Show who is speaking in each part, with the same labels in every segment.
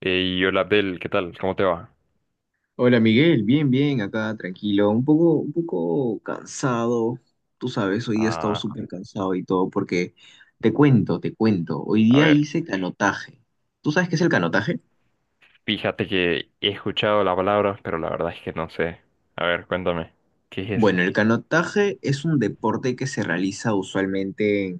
Speaker 1: Hey, hola Abdel, ¿qué tal? ¿Cómo te va?
Speaker 2: Hola Miguel, bien, bien, acá tranquilo, un poco cansado, tú sabes, hoy día he estado
Speaker 1: Ah,
Speaker 2: súper cansado y todo, porque te cuento, hoy
Speaker 1: a
Speaker 2: día
Speaker 1: ver,
Speaker 2: hice canotaje. ¿Tú sabes qué es el canotaje?
Speaker 1: fíjate que he escuchado la palabra, pero la verdad es que no sé. A ver, cuéntame, ¿qué es
Speaker 2: Bueno,
Speaker 1: eso?
Speaker 2: el canotaje es un deporte que se realiza usualmente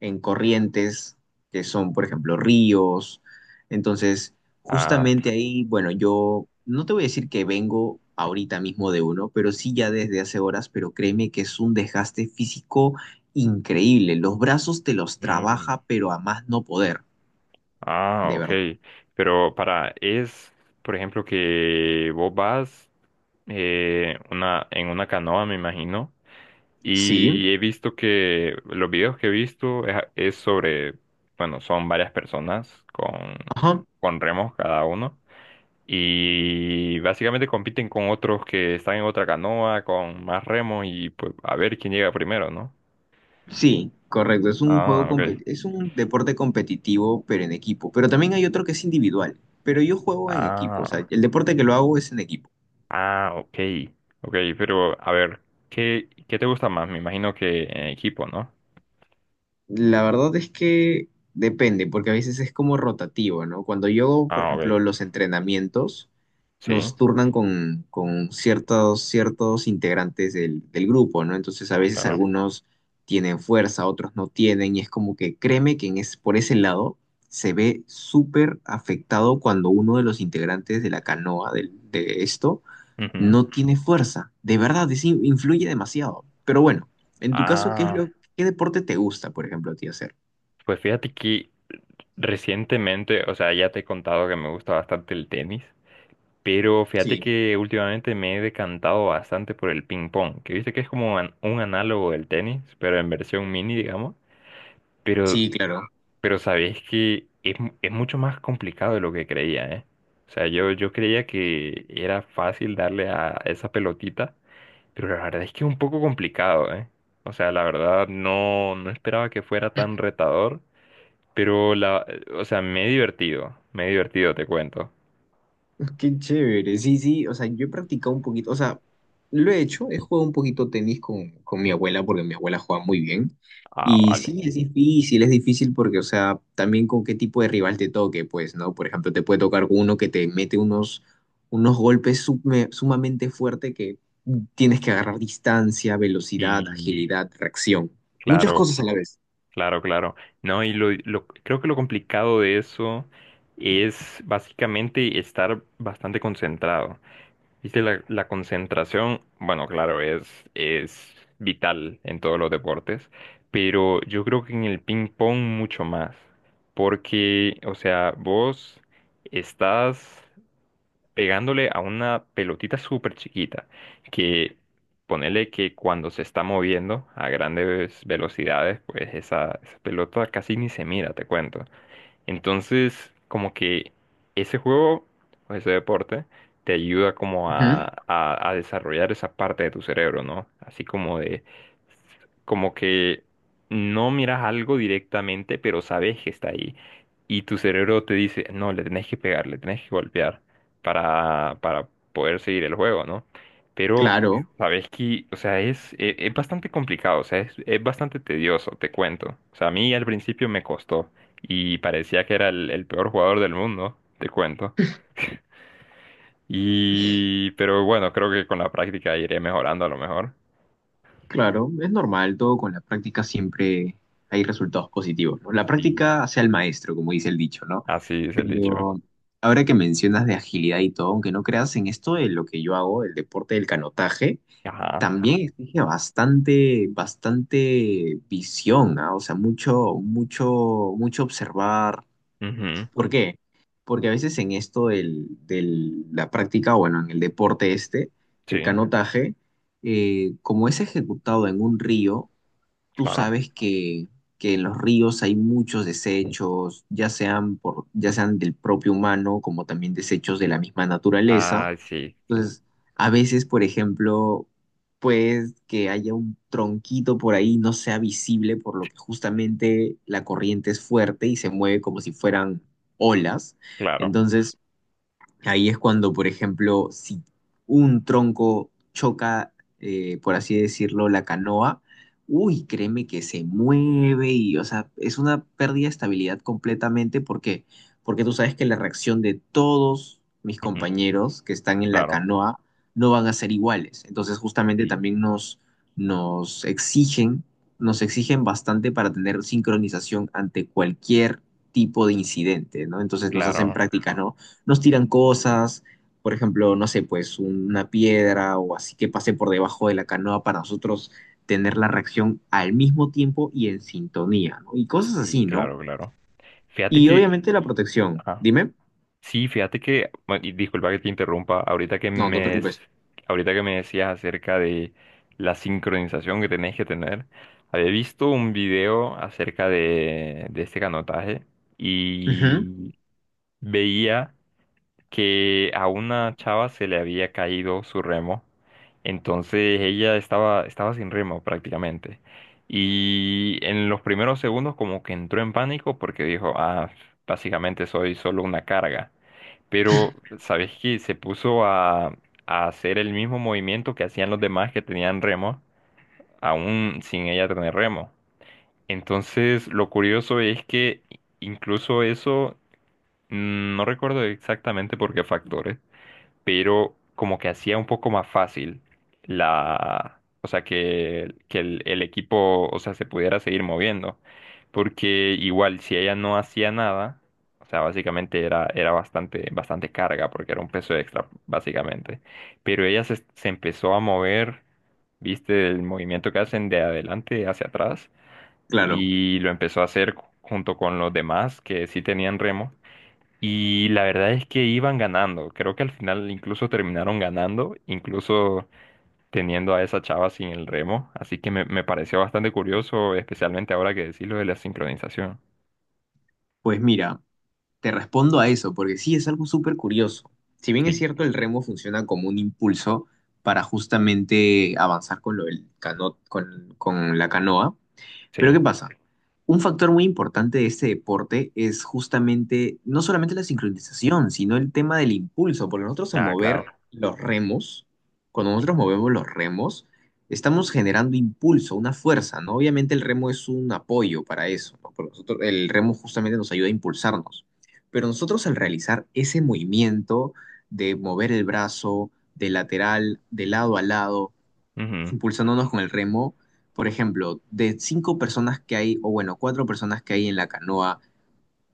Speaker 2: en corrientes, que son, por ejemplo, ríos. Entonces,
Speaker 1: Ah,
Speaker 2: justamente ahí, bueno, yo no te voy a decir que vengo ahorita mismo de uno, pero sí ya desde hace horas, pero créeme que es un desgaste físico increíble. Los brazos te los
Speaker 1: mm,
Speaker 2: trabaja, pero a más no poder,
Speaker 1: ah,
Speaker 2: de
Speaker 1: ok.
Speaker 2: verdad.
Speaker 1: Pero para, es, por ejemplo, que vos vas en una canoa, me imagino,
Speaker 2: Sí,
Speaker 1: y he visto que los videos que he visto es sobre, bueno, son varias personas
Speaker 2: ajá.
Speaker 1: con remos cada uno. Y básicamente compiten con otros que están en otra canoa, con más remos y pues a ver quién llega primero, ¿no?
Speaker 2: Sí, correcto. Es un
Speaker 1: Ah, ok.
Speaker 2: es un deporte competitivo, pero en equipo. Pero también hay otro que es individual. Pero yo juego en equipo, o
Speaker 1: Ah,
Speaker 2: sea, el deporte que lo hago es en equipo.
Speaker 1: ah, ok. Ok, pero a ver, ¿qué te gusta más? Me imagino que en equipo, ¿no?
Speaker 2: La verdad es que depende, porque a veces es como rotativo, ¿no? Cuando yo, por
Speaker 1: Ah, ok.
Speaker 2: ejemplo, los entrenamientos,
Speaker 1: Sí,
Speaker 2: nos turnan con ciertos integrantes del grupo, ¿no? Entonces a veces
Speaker 1: claro.
Speaker 2: algunos tienen fuerza, otros no tienen, y es como que créeme que en es, por ese lado se ve súper afectado cuando uno de los integrantes de la canoa de esto
Speaker 1: Ujú.
Speaker 2: no tiene fuerza. De verdad, influye demasiado. Pero bueno, en tu caso,
Speaker 1: Ah,
Speaker 2: ¿qué deporte te gusta, por ejemplo, a ti hacer?
Speaker 1: pues fíjate que recientemente, o sea, ya te he contado que me gusta bastante el tenis. Pero fíjate
Speaker 2: Sí,
Speaker 1: que últimamente me he decantado bastante por el ping pong, que viste que es como un análogo del tenis, pero en versión mini, digamos.
Speaker 2: sí,
Speaker 1: Sí, claro.
Speaker 2: claro.
Speaker 1: Pero sabéis que es mucho más complicado de lo que creía, ¿eh? O sea, yo creía que era fácil darle a esa pelotita, pero la verdad es que es un poco complicado, ¿eh? O sea, la verdad no esperaba que fuera tan retador, pero la, o sea, me he divertido, te cuento.
Speaker 2: Qué chévere, sí, sí, o sea, yo he practicado un poquito, o sea, lo he hecho, he jugado un poquito tenis con mi abuela porque mi abuela juega muy bien.
Speaker 1: Ah,
Speaker 2: Y
Speaker 1: vale.
Speaker 2: sí, es difícil porque, o sea, también con qué tipo de rival te toque, pues, ¿no? Por ejemplo, te puede tocar uno que te mete unos sumamente fuerte que tienes que agarrar distancia, velocidad,
Speaker 1: Sí,
Speaker 2: agilidad, reacción, muchas
Speaker 1: claro.
Speaker 2: cosas a la vez.
Speaker 1: Claro, claro. No, y creo que lo complicado de eso es básicamente estar bastante concentrado. Viste, la concentración, bueno, claro, es vital en todos los deportes, pero yo creo que en el ping pong mucho más, porque, o sea, vos estás pegándole a una pelotita súper chiquita que ponele que cuando se está moviendo a grandes velocidades, pues esa pelota casi ni se mira, te cuento. Entonces, como que ese juego o ese deporte te ayuda como
Speaker 2: Ujú,
Speaker 1: a desarrollar esa parte de tu cerebro, ¿no? Así como de, como que no miras algo directamente, pero sabes que está ahí. Y tu cerebro te dice, no, le tenés que pegar, le tenés que golpear para poder seguir el juego, ¿no? Pero
Speaker 2: claro.
Speaker 1: sabes que, o sea, es bastante complicado, o sea, es bastante tedioso, te cuento. O sea, a mí al principio me costó y parecía que era el peor jugador del mundo, te cuento. Y, pero bueno, creo que con la práctica iré mejorando a lo mejor.
Speaker 2: Claro, es normal, todo con la práctica siempre hay resultados positivos, ¿no? La
Speaker 1: Sí,
Speaker 2: práctica hace al maestro, como dice el dicho, ¿no?
Speaker 1: así es el dicho.
Speaker 2: Pero ahora que mencionas de agilidad y todo, aunque no creas en esto de lo que yo hago, el deporte del canotaje,
Speaker 1: Ajá.
Speaker 2: también exige bastante, bastante visión, ¿ah? O sea, mucho, mucho, mucho observar.
Speaker 1: Ujú.
Speaker 2: ¿Por qué? Porque a veces en esto la práctica, bueno, en el deporte este,
Speaker 1: Sí,
Speaker 2: el canotaje, como es ejecutado en un río, tú
Speaker 1: claro.
Speaker 2: sabes que en los ríos hay muchos desechos, ya sean por, ya sean del propio humano, como también desechos de la misma naturaleza.
Speaker 1: Ah, sí, sí,
Speaker 2: Entonces, a veces, por ejemplo, pues que haya un tronquito por ahí no sea visible, por lo que justamente la corriente es fuerte y se mueve como si fueran olas.
Speaker 1: claro.
Speaker 2: Entonces, ahí es cuando, por ejemplo, si un tronco choca, por así decirlo, la canoa, uy, créeme que se mueve y, o sea, es una pérdida de estabilidad completamente. ¿Por qué? Porque tú sabes que la reacción de todos mis
Speaker 1: Ujú.
Speaker 2: compañeros que están en la
Speaker 1: Claro,
Speaker 2: canoa no van a ser iguales. Entonces, justamente
Speaker 1: sí,
Speaker 2: también nos exigen, nos exigen bastante para tener sincronización ante cualquier tipo de incidente, ¿no? Entonces nos hacen
Speaker 1: claro,
Speaker 2: prácticas, ¿no? Nos tiran cosas, por ejemplo, no sé, pues una piedra o así que pase por debajo de la canoa para nosotros tener la reacción al mismo tiempo y en sintonía, ¿no? Y cosas
Speaker 1: sí,
Speaker 2: así, ¿no?
Speaker 1: claro, claro. Fíjate
Speaker 2: Y
Speaker 1: que,
Speaker 2: obviamente la protección.
Speaker 1: ajá.
Speaker 2: Dime.
Speaker 1: Sí, fíjate que, bueno, y disculpa que te interrumpa,
Speaker 2: No, no te preocupes.
Speaker 1: ahorita que me decías acerca de la sincronización que tenés que tener, había visto un video acerca de este canotaje
Speaker 2: Ujú,
Speaker 1: y veía que a una chava se le había caído su remo, entonces ella estaba sin remo prácticamente. Y en los primeros segundos como que entró en pánico porque dijo, ah, básicamente soy solo una carga. Pero, ¿sabes qué? Se puso a hacer el mismo movimiento que hacían los demás que tenían remo, aún sin ella tener remo. Entonces, lo curioso es que incluso eso, no recuerdo exactamente por qué factores, pero como que hacía un poco más fácil la, o sea, que el equipo, o sea, se pudiera seguir moviendo, porque igual si ella no hacía nada, o sea, básicamente era bastante, bastante carga, porque era un peso extra, básicamente, pero ella se empezó a mover, viste, el movimiento que hacen de adelante hacia atrás,
Speaker 2: claro.
Speaker 1: y lo empezó a hacer junto con los demás que sí tenían remo. Y la verdad es que iban ganando. Creo que al final incluso terminaron ganando, incluso teniendo a esa chava sin el remo. Así que me pareció bastante curioso, especialmente ahora que decís lo de la sincronización.
Speaker 2: Pues mira, te respondo a eso, porque sí es algo súper curioso. Si bien es
Speaker 1: Sí,
Speaker 2: cierto, el remo funciona como un impulso para justamente avanzar con con la canoa.
Speaker 1: sí.
Speaker 2: Pero ¿qué pasa? Un factor muy importante de este deporte es justamente no solamente la sincronización, sino el tema del impulso, porque nosotros al
Speaker 1: Ah,
Speaker 2: mover
Speaker 1: claro.
Speaker 2: los remos, cuando
Speaker 1: Sí.
Speaker 2: nosotros movemos los remos, estamos generando impulso, una fuerza, ¿no? Obviamente el remo es un apoyo para eso, ¿no? Porque nosotros, el remo justamente nos ayuda a impulsarnos, pero nosotros al realizar ese movimiento de mover el brazo de lateral, de lado a lado,
Speaker 1: Ujú,
Speaker 2: impulsándonos con el remo, por ejemplo, de cinco personas que hay, o bueno, cuatro personas que hay en la canoa,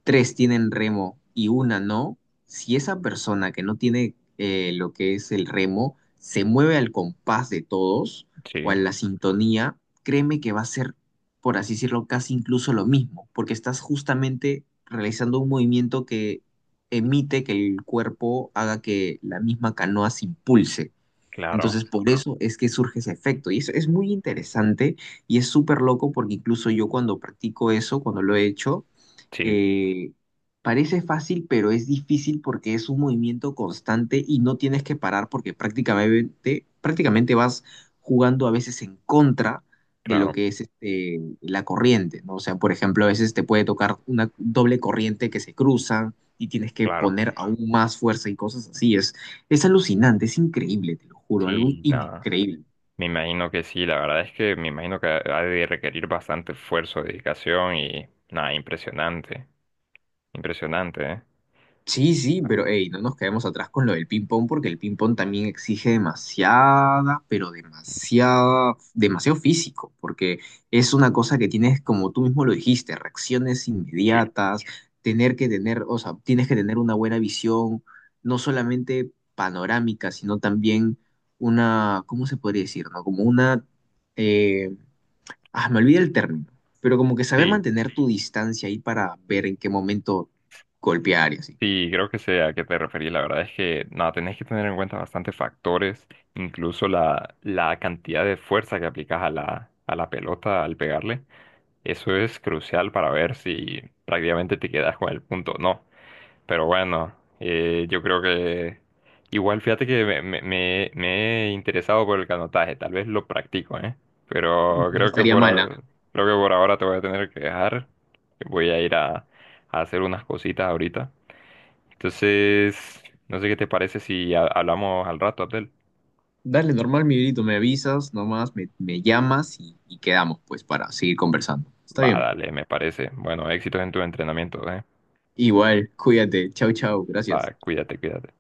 Speaker 2: tres tienen remo y una no, si esa persona que no tiene lo que es el remo se mueve al compás de todos
Speaker 1: sí,
Speaker 2: o a la sintonía, créeme que va a ser, por así decirlo, casi incluso lo mismo, porque estás justamente realizando un movimiento que emite que el cuerpo haga que la misma canoa se impulse.
Speaker 1: claro.
Speaker 2: Entonces, por eso es que surge ese efecto. Y eso es muy interesante y es súper loco porque incluso yo cuando practico eso, cuando lo he hecho,
Speaker 1: Sí,
Speaker 2: eh, parece fácil, pero es difícil porque es un movimiento constante y no tienes que parar porque prácticamente vas jugando a veces en contra de lo
Speaker 1: claro,
Speaker 2: que es este, la corriente, ¿no? O sea, por ejemplo, a veces te puede tocar una doble corriente que se cruzan y tienes que
Speaker 1: claro.
Speaker 2: poner aún más fuerza y cosas así. Es alucinante, es increíble, te lo juro, algo
Speaker 1: Sí, nada.
Speaker 2: increíble.
Speaker 1: Me imagino que sí. La verdad es que me imagino que ha de requerir bastante esfuerzo, dedicación y nada, impresionante. Impresionante, ¿eh?
Speaker 2: Sí, sí,
Speaker 1: Ah,
Speaker 2: pero hey, no nos quedemos atrás con lo del ping-pong porque el ping-pong también exige demasiada, pero demasiada, demasiado físico, porque es una cosa que tienes, como tú mismo lo dijiste, reacciones
Speaker 1: sí.
Speaker 2: inmediatas, tener que tener, o sea, tienes que tener una buena visión, no solamente panorámica, sino también una, ¿cómo se podría decir? ¿No? Como una, eh, me olvidé el término, pero como que saber
Speaker 1: Sí,
Speaker 2: mantener tu distancia ahí para ver en qué momento golpear y así.
Speaker 1: sí, creo que sé a qué te referís. La verdad es que nada, tenés que tener en cuenta bastantes factores, incluso la cantidad de fuerza que aplicas a a la pelota al pegarle. Eso es crucial para ver si prácticamente te quedas con el punto o no. Pero bueno, yo creo que igual fíjate que me he interesado por el canotaje, tal vez lo practico, ¿eh? Pero
Speaker 2: No
Speaker 1: creo que
Speaker 2: estaría mala.
Speaker 1: bueno, creo que por ahora te voy a tener que dejar. Voy a ir a hacer unas cositas ahorita. Entonces, no sé qué te parece si hablamos al rato, Abdel.
Speaker 2: Dale, normal, mi grito, me avisas, nomás me llamas y quedamos, pues, para seguir conversando. Está
Speaker 1: Va,
Speaker 2: bien.
Speaker 1: dale, me parece. Bueno, éxitos en tu entrenamiento, ¿eh?
Speaker 2: Igual, cuídate. Chau, chau. Gracias.
Speaker 1: Va, cuídate, cuídate.